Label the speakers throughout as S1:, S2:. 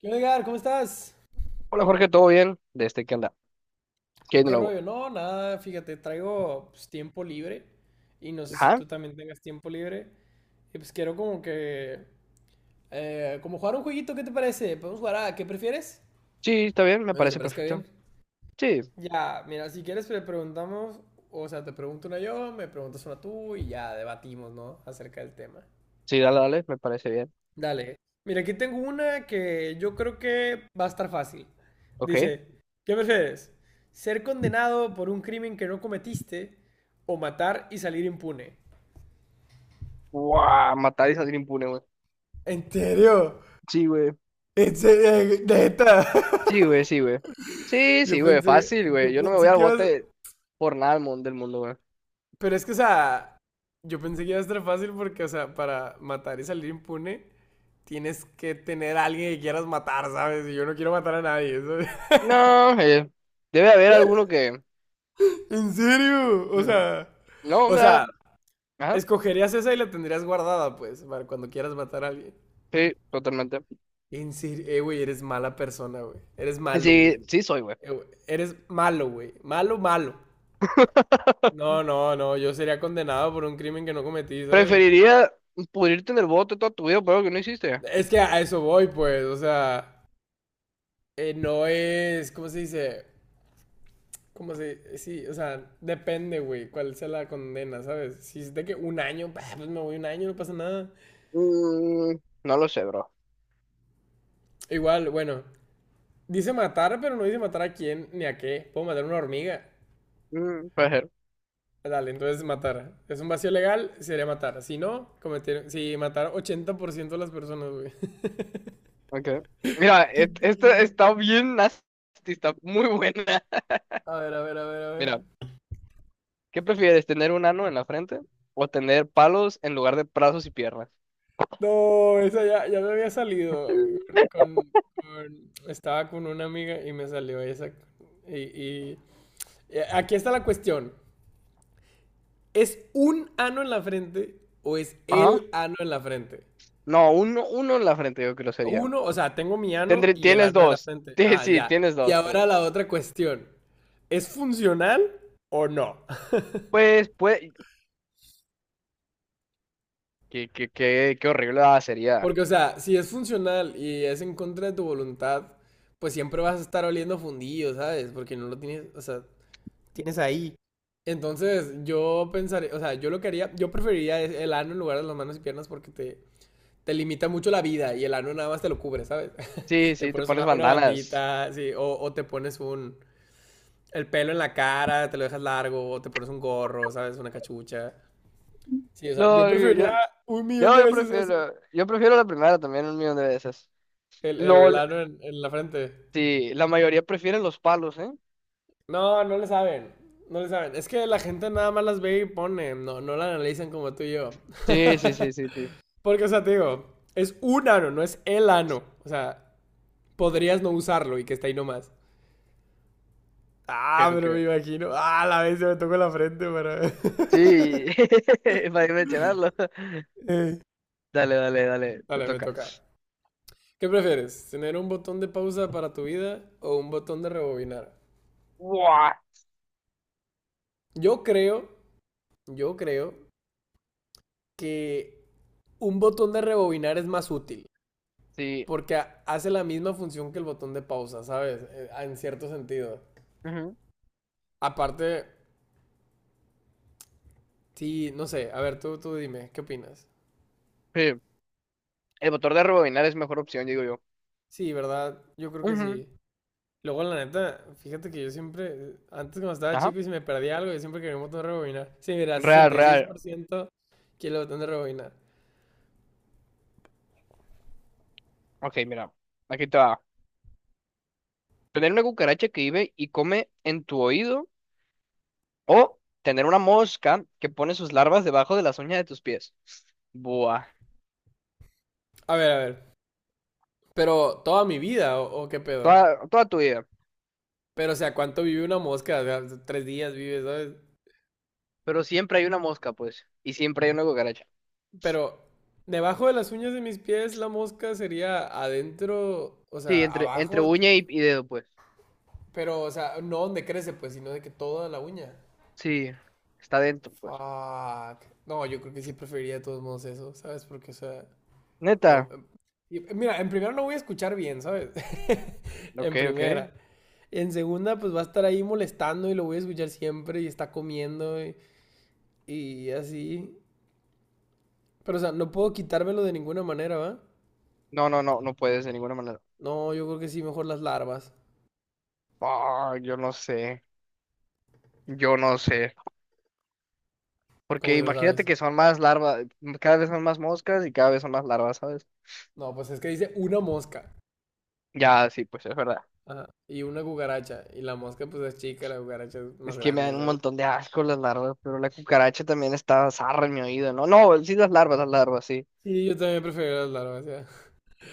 S1: ¿Qué onda, Edgar? ¿Cómo estás?
S2: Hola Jorge, ¿todo bien? ¿Qué anda? ¿Qué hay de
S1: ¿Qué
S2: nuevo?
S1: rollo? No, nada, fíjate, traigo pues, tiempo libre y no sé si
S2: Ajá,
S1: tú también tengas tiempo libre. Y pues quiero como que... como jugar un jueguito, ¿qué te parece? ¿Podemos jugar a qué prefieres?
S2: sí, está bien, me
S1: No sé si te
S2: parece
S1: parezca bien.
S2: perfecto. Sí,
S1: Ya, mira, si quieres le preguntamos, o sea, te pregunto una yo, me preguntas una tú y ya debatimos, ¿no? Acerca del tema.
S2: sí, dale, me parece bien.
S1: Dale. Mira, aquí tengo una que yo creo que va a estar fácil.
S2: Ok.
S1: Dice, ¿qué prefieres? ¿Ser condenado por un crimen que no cometiste o matar y salir impune?
S2: Guau, matar y salir impune, güey.
S1: ¿En serio?
S2: Sí, güey.
S1: ¿En serio? ¿Neta?
S2: Sí, güey. Sí,
S1: Yo
S2: sí, güey,
S1: pensé,
S2: fácil, güey.
S1: yo
S2: Yo no me voy
S1: pensé
S2: al
S1: que ibas...
S2: bote por nada del mundo, güey.
S1: Pero es que, o sea, yo pensé que iba a estar fácil porque, o sea, para matar y salir impune, tienes que tener a alguien que quieras matar, ¿sabes? Y yo no quiero matar a nadie, ¿sabes?
S2: No, debe haber alguno que…
S1: ¿En serio?
S2: Ujú. No,
S1: O
S2: me da…
S1: sea,
S2: Ajá,
S1: escogerías esa y la tendrías guardada, pues, para cuando quieras matar a alguien.
S2: sí, totalmente.
S1: En serio, güey, eres mala persona, güey. Eres malo, güey.
S2: Sí, sí soy, güey.
S1: Güey, eres malo, güey. Malo, malo. No, no, no, yo sería condenado por un crimen que no cometí, ¿sabes?
S2: Preferiría pudrirte en el bote toda tu vida por algo que no hiciste.
S1: Es que a eso voy, pues, o sea, no es, ¿cómo se dice? ¿Cómo se Sí, o sea, depende, güey, cuál sea la condena, ¿sabes? Si es de que un año, pues me voy un año, no pasa nada.
S2: Mm, no lo sé, bro.
S1: Igual, bueno, dice matar, pero no dice matar a quién ni a qué. Puedo matar a una hormiga.
S2: Mm, puede ser.
S1: Dale, entonces matar. Es un vacío legal, sería matar. Si no, cometer. Si matar 80% de las personas, güey.
S2: Okay. Mira, esta
S1: Sí.
S2: está bien nasty, está muy buena.
S1: A ver, a ver, a ver, a ver.
S2: Mira, ¿qué prefieres, tener un ano en la frente o tener palos en lugar de brazos y piernas?
S1: No, esa ya, ya me había salido. Con, estaba con una amiga y me salió esa. Y, y- y aquí está la cuestión. ¿Es un ano en la frente o es
S2: Ajá.
S1: el ano en la frente?
S2: No, uno en la frente yo creo que sería.
S1: Uno, o sea, tengo mi ano
S2: Tendré,
S1: y el
S2: tienes
S1: ano de la
S2: dos.
S1: frente.
S2: Sí,
S1: Ah,
S2: sí,
S1: ya.
S2: tienes
S1: Y
S2: dos, pues.
S1: ahora la otra cuestión. ¿Es funcional o no?
S2: Pues, qué horrible sería.
S1: Porque, o sea, si es funcional y es en contra de tu voluntad, pues siempre vas a estar oliendo fundido, ¿sabes? Porque no lo tienes, o sea, tienes ahí. Entonces yo pensaría, o sea, yo lo que haría, yo preferiría es el ano en lugar de las manos y piernas porque te limita mucho la vida y el ano nada más te lo cubre, ¿sabes?
S2: Sí,
S1: Te
S2: sí, te
S1: pones
S2: pones
S1: una
S2: bandanas.
S1: bandita, sí, o te pones un, el pelo en la cara, te lo dejas largo, o te pones un gorro, ¿sabes? Una cachucha. Sí, o sea, yo
S2: No, yo, yo,
S1: preferiría un millón
S2: yo
S1: de
S2: yo
S1: veces eso,
S2: prefiero, yo prefiero la primera también un millón de veces.
S1: el
S2: LOL,
S1: ano en la frente.
S2: sí, la mayoría prefieren los palos, ¿eh?
S1: No, no le saben. No le saben. Es que la gente nada más las ve y pone. No, no la analizan como tú y yo.
S2: Sí, sí, sí, sí, sí.
S1: Porque, o sea, te digo, es un ano, no es el ano. O sea, podrías no usarlo y que está ahí nomás. Ah,
S2: Creo
S1: pero
S2: que…
S1: me imagino. Ah, la vez se me tocó la frente, pero.
S2: Sí, para mencionarlo. Dale, te
S1: Vale, me
S2: toca.
S1: toca. ¿Qué prefieres? ¿Tener un botón de pausa para tu vida o un botón de rebobinar?
S2: ¡Guau!
S1: Yo creo, yo creo que un botón de rebobinar es más útil.
S2: Sí.
S1: Porque hace la misma función que el botón de pausa, ¿sabes? En cierto sentido.
S2: Ujú,
S1: Aparte, sí, no sé. A ver, tú dime, ¿qué opinas?
S2: sí. El motor de rebobinar es mejor opción, digo yo.
S1: Sí, ¿verdad? Yo creo que
S2: Ujú,
S1: sí. Luego, la neta, fíjate que yo siempre, antes cuando estaba
S2: ajá.
S1: chico y si me perdía algo, yo siempre quería un botón de rebobinar. Sí, mira,
S2: Real,
S1: sesenta y seis
S2: real.
S1: por ciento quiere el botón de rebobinar.
S2: Ok, mira. Aquí te va. Tener una cucaracha que vive y come en tu oído o tener una mosca que pone sus larvas debajo de las uñas de tus pies. Buah.
S1: A ver, a ver. Pero toda mi vida, o qué pedo?
S2: Toda, toda tu vida.
S1: Pero, o sea, ¿cuánto vive una mosca? O sea, 3 días vive, ¿sabes?
S2: Pero siempre hay una mosca, pues. Y siempre hay una cucaracha.
S1: Pero debajo de las uñas de mis pies la mosca sería adentro, o
S2: Sí,
S1: sea,
S2: entre, entre
S1: abajo,
S2: uña y dedo, pues.
S1: pero, o sea, no donde crece, pues, sino de que toda la uña.
S2: Sí, está dentro, pues.
S1: Fuck. No, yo creo que sí preferiría de todos modos eso, ¿sabes? Porque, o sea, no.
S2: Neta.
S1: Mira, en primera no voy a escuchar bien, ¿sabes? En
S2: Ok, ok.
S1: primera. En segunda, pues va a estar ahí molestando y lo voy a escuchar siempre y está comiendo y así. Pero, o sea, no puedo quitármelo de ninguna manera, ¿va?
S2: No, no, no, no puedes de ninguna manera.
S1: No, yo creo que sí, mejor las larvas.
S2: Ah, yo no sé. Yo no sé.
S1: Como
S2: Porque
S1: que no
S2: imagínate
S1: sabes.
S2: que son más larvas, cada vez son más moscas y cada vez son más larvas, ¿sabes?
S1: No, pues es que dice una mosca.
S2: Ya, sí, pues es verdad.
S1: Ajá. Y una cucaracha. Y la mosca pues es chica, la cucaracha es más
S2: Es que me
S1: grande,
S2: dan un
S1: ¿sabes?
S2: montón de asco las larvas, pero la cucaracha también está zarra en mi oído, ¿no? No, sí, las larvas, sí.
S1: Sí, yo también prefiero las larvas, ya.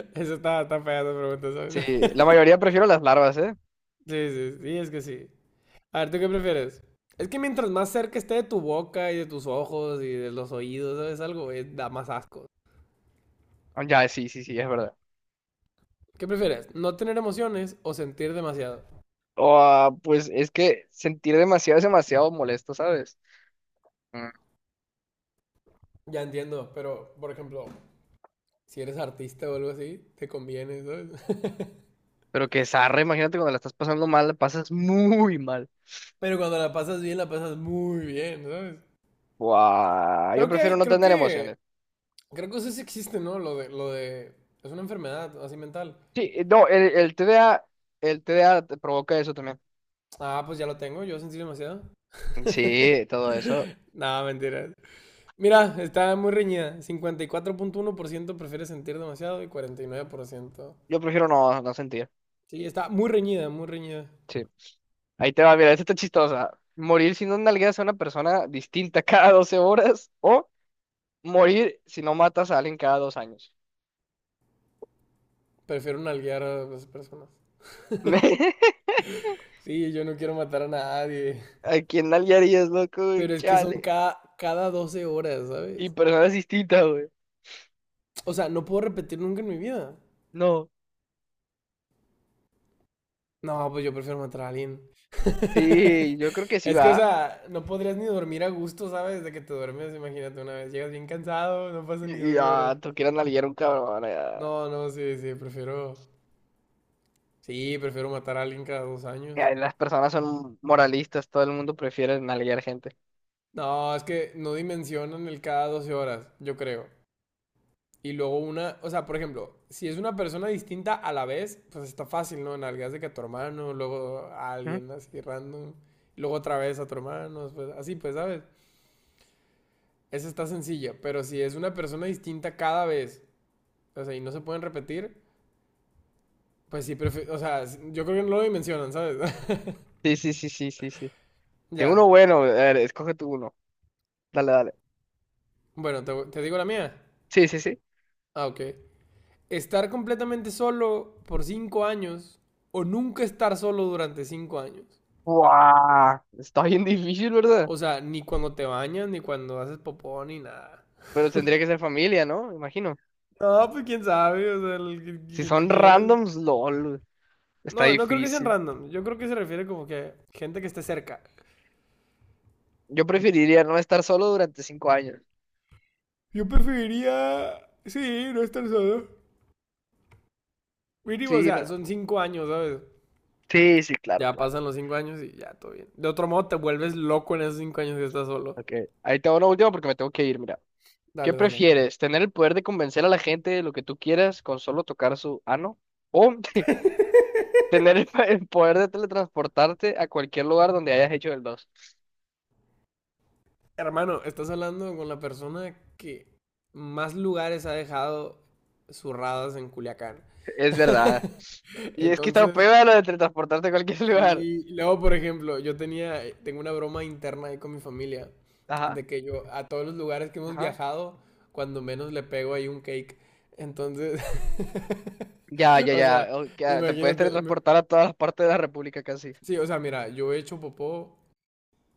S1: Eso está, está fea esa pregunta,
S2: Sí,
S1: ¿sabes?
S2: la mayoría prefiero las larvas, ¿eh?
S1: Sí, sí, sí, es que sí. A ver, ¿tú qué prefieres? Es que mientras más cerca esté de tu boca y de tus ojos y de los oídos, ¿sabes? Algo da más asco.
S2: Ah, ya, sí, sí, sí, es verdad.
S1: ¿Qué prefieres? ¿No tener emociones o sentir demasiado?
S2: Ah, pues es que sentir demasiado es demasiado molesto, ¿sabes?
S1: Ya entiendo, pero por ejemplo, si eres artista o algo así, te conviene, ¿sabes?
S2: Pero que zarra, imagínate cuando la estás pasando mal, la pasas muy mal.
S1: Pero cuando la pasas bien, la pasas muy bien, ¿sabes?
S2: Buah, yo
S1: Creo que
S2: prefiero
S1: hay,
S2: no tener emociones.
S1: creo que eso sí existe, ¿no? Es una enfermedad así mental.
S2: Sí, no, el TDA, el TDA te provoca eso también.
S1: Ah, pues ya lo tengo, yo sentí demasiado.
S2: Sí, todo eso.
S1: No, mentira. Mira, está muy reñida. 54.1% prefiere sentir demasiado y 49%
S2: Yo prefiero no sentir.
S1: sí, está muy reñida, muy reñida.
S2: Sí. Ahí te va, mira, esta está chistosa. Morir si no nalgueas a una persona distinta cada 12 horas o morir si no matas a alguien cada 2 años.
S1: Prefiero nalguear a las personas. Sí, yo no quiero matar a nadie.
S2: ¿A quién nalguearías, loco? ¿Güey?
S1: Pero es que son
S2: Chale.
S1: cada 12 horas,
S2: Y
S1: ¿sabes?
S2: personas distintas, güey.
S1: O sea, no puedo repetir nunca en mi vida.
S2: No.
S1: No, pues yo prefiero matar a alguien.
S2: Sí, yo creo que sí
S1: Es que, o
S2: va.
S1: sea, no podrías ni dormir a gusto, ¿sabes? De que te duermes, imagínate una vez. Llegas bien cansado, no pasan ni
S2: Y,
S1: 12 horas.
S2: tú quieres nalguear un cabrón.
S1: No, no, sí, sí, prefiero. Sí, prefiero matar a alguien cada 2 años.
S2: Ya, las personas son moralistas, todo el mundo prefiere nalguear gente.
S1: No, es que no dimensionan el cada 12 horas, yo creo. Y luego una, o sea, por ejemplo, si es una persona distinta a la vez, pues está fácil, ¿no? Nalgas de que a tu hermano, luego a
S2: ¿Mm?
S1: alguien así random, luego otra vez a tu hermano, pues así, pues, ¿sabes? Esa está sencilla, pero si es una persona distinta cada vez, o sea, y no se pueden repetir, pues sí, prefiero, o sea, yo creo que no lo dimensionan, ¿sabes?
S2: Sí, sí, sí, sí, sí, sí. Tengo
S1: Ya.
S2: uno bueno, a ver, escoge tú uno. Dale, dale.
S1: Bueno, te digo la mía.
S2: Sí, sí, sí.
S1: Ah, ok. Estar completamente solo por 5 años o nunca estar solo durante 5 años.
S2: ¡Buah! Está bien difícil, ¿verdad?
S1: O sea, ni cuando te bañas, ni cuando haces popó, ni nada.
S2: Pero tendría que ser familia, ¿no? Me imagino.
S1: No, pues quién sabe, o sea,
S2: Si
S1: quien tú
S2: son
S1: quieras.
S2: randoms, lol. Está
S1: No, no creo que sean
S2: difícil.
S1: random. Yo creo que se refiere como que gente que esté cerca.
S2: Yo preferiría no estar solo durante 5 años.
S1: Yo preferiría, sí, no estar solo. Mínimo, o
S2: Sí,
S1: sea,
S2: no.
S1: son 5 años, ¿sabes?
S2: Sí, sí, claro,
S1: Ya
S2: claro.
S1: pasan los 5 años y ya todo bien. De otro modo, te vuelves loco en esos 5 años que estás solo.
S2: Ok. Ahí tengo una última porque me tengo que ir, mira. ¿Qué
S1: Dale, dale.
S2: prefieres? ¿Tener el poder de convencer a la gente de lo que tú quieras con solo tocar su ano, o tener el poder de teletransportarte a cualquier lugar donde hayas hecho el dos?
S1: Hermano, estás hablando con la persona que más lugares ha dejado zurradas en Culiacán.
S2: Es verdad. Y es que está
S1: Entonces,
S2: peor lo de teletransportarte a cualquier
S1: sí,
S2: lugar.
S1: y luego, por ejemplo, yo tenía, tengo una broma interna ahí con mi familia,
S2: Ajá,
S1: de que yo a todos los lugares que hemos
S2: ajá.
S1: viajado, cuando menos le pego ahí un cake. Entonces,
S2: Ya, ya,
S1: o sea,
S2: ya. Ok, te puedes
S1: imagínate,
S2: teletransportar a todas las partes de la República casi.
S1: sí, o sea, mira, yo he hecho popó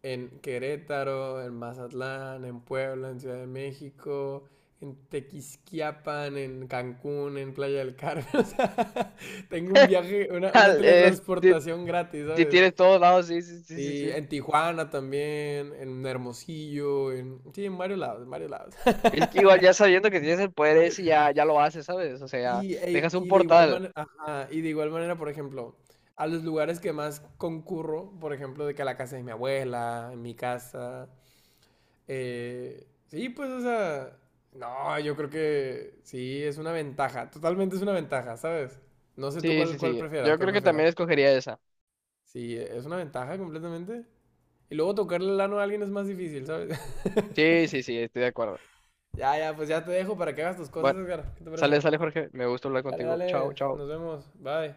S1: en Querétaro, en Mazatlán, en Puebla, en Ciudad de México, en Tequisquiapan, en Cancún, en Playa del Carmen, o sea, tengo un viaje, una
S2: Si,
S1: teletransportación gratis,
S2: si
S1: ¿sabes?
S2: tienes todos lados, sí, sí, sí, sí,
S1: Sí,
S2: sí.
S1: en Tijuana también, en Hermosillo, en... Sí, en varios lados, en varios lados.
S2: Es que igual ya sabiendo que tienes el poder ese, ya, ya lo haces, ¿sabes? O sea,
S1: Sí,
S2: dejas un
S1: y de igual
S2: portal.
S1: manera, por ejemplo, a los lugares que más concurro, por ejemplo, de que a la casa de mi abuela, en mi casa, sí, pues, o sea, no, yo creo que sí, es una ventaja, totalmente es una ventaja, ¿sabes? No sé tú
S2: Sí,
S1: cuál,
S2: sí,
S1: cuál
S2: sí.
S1: prefieras,
S2: Yo
S1: cuál
S2: creo que
S1: prefieras.
S2: también escogería esa.
S1: Sí, es una ventaja completamente. Y luego tocarle el ano a alguien es más difícil, ¿sabes?
S2: Sí, sí, sí, estoy de acuerdo.
S1: Ya, ya, pues ya te dejo para que hagas tus cosas,
S2: Bueno,
S1: Edgar. ¿Qué te
S2: sale,
S1: parece?
S2: sale, Jorge. Me gusta hablar
S1: Dale,
S2: contigo. Chao,
S1: dale.
S2: chao.
S1: Nos vemos. Bye.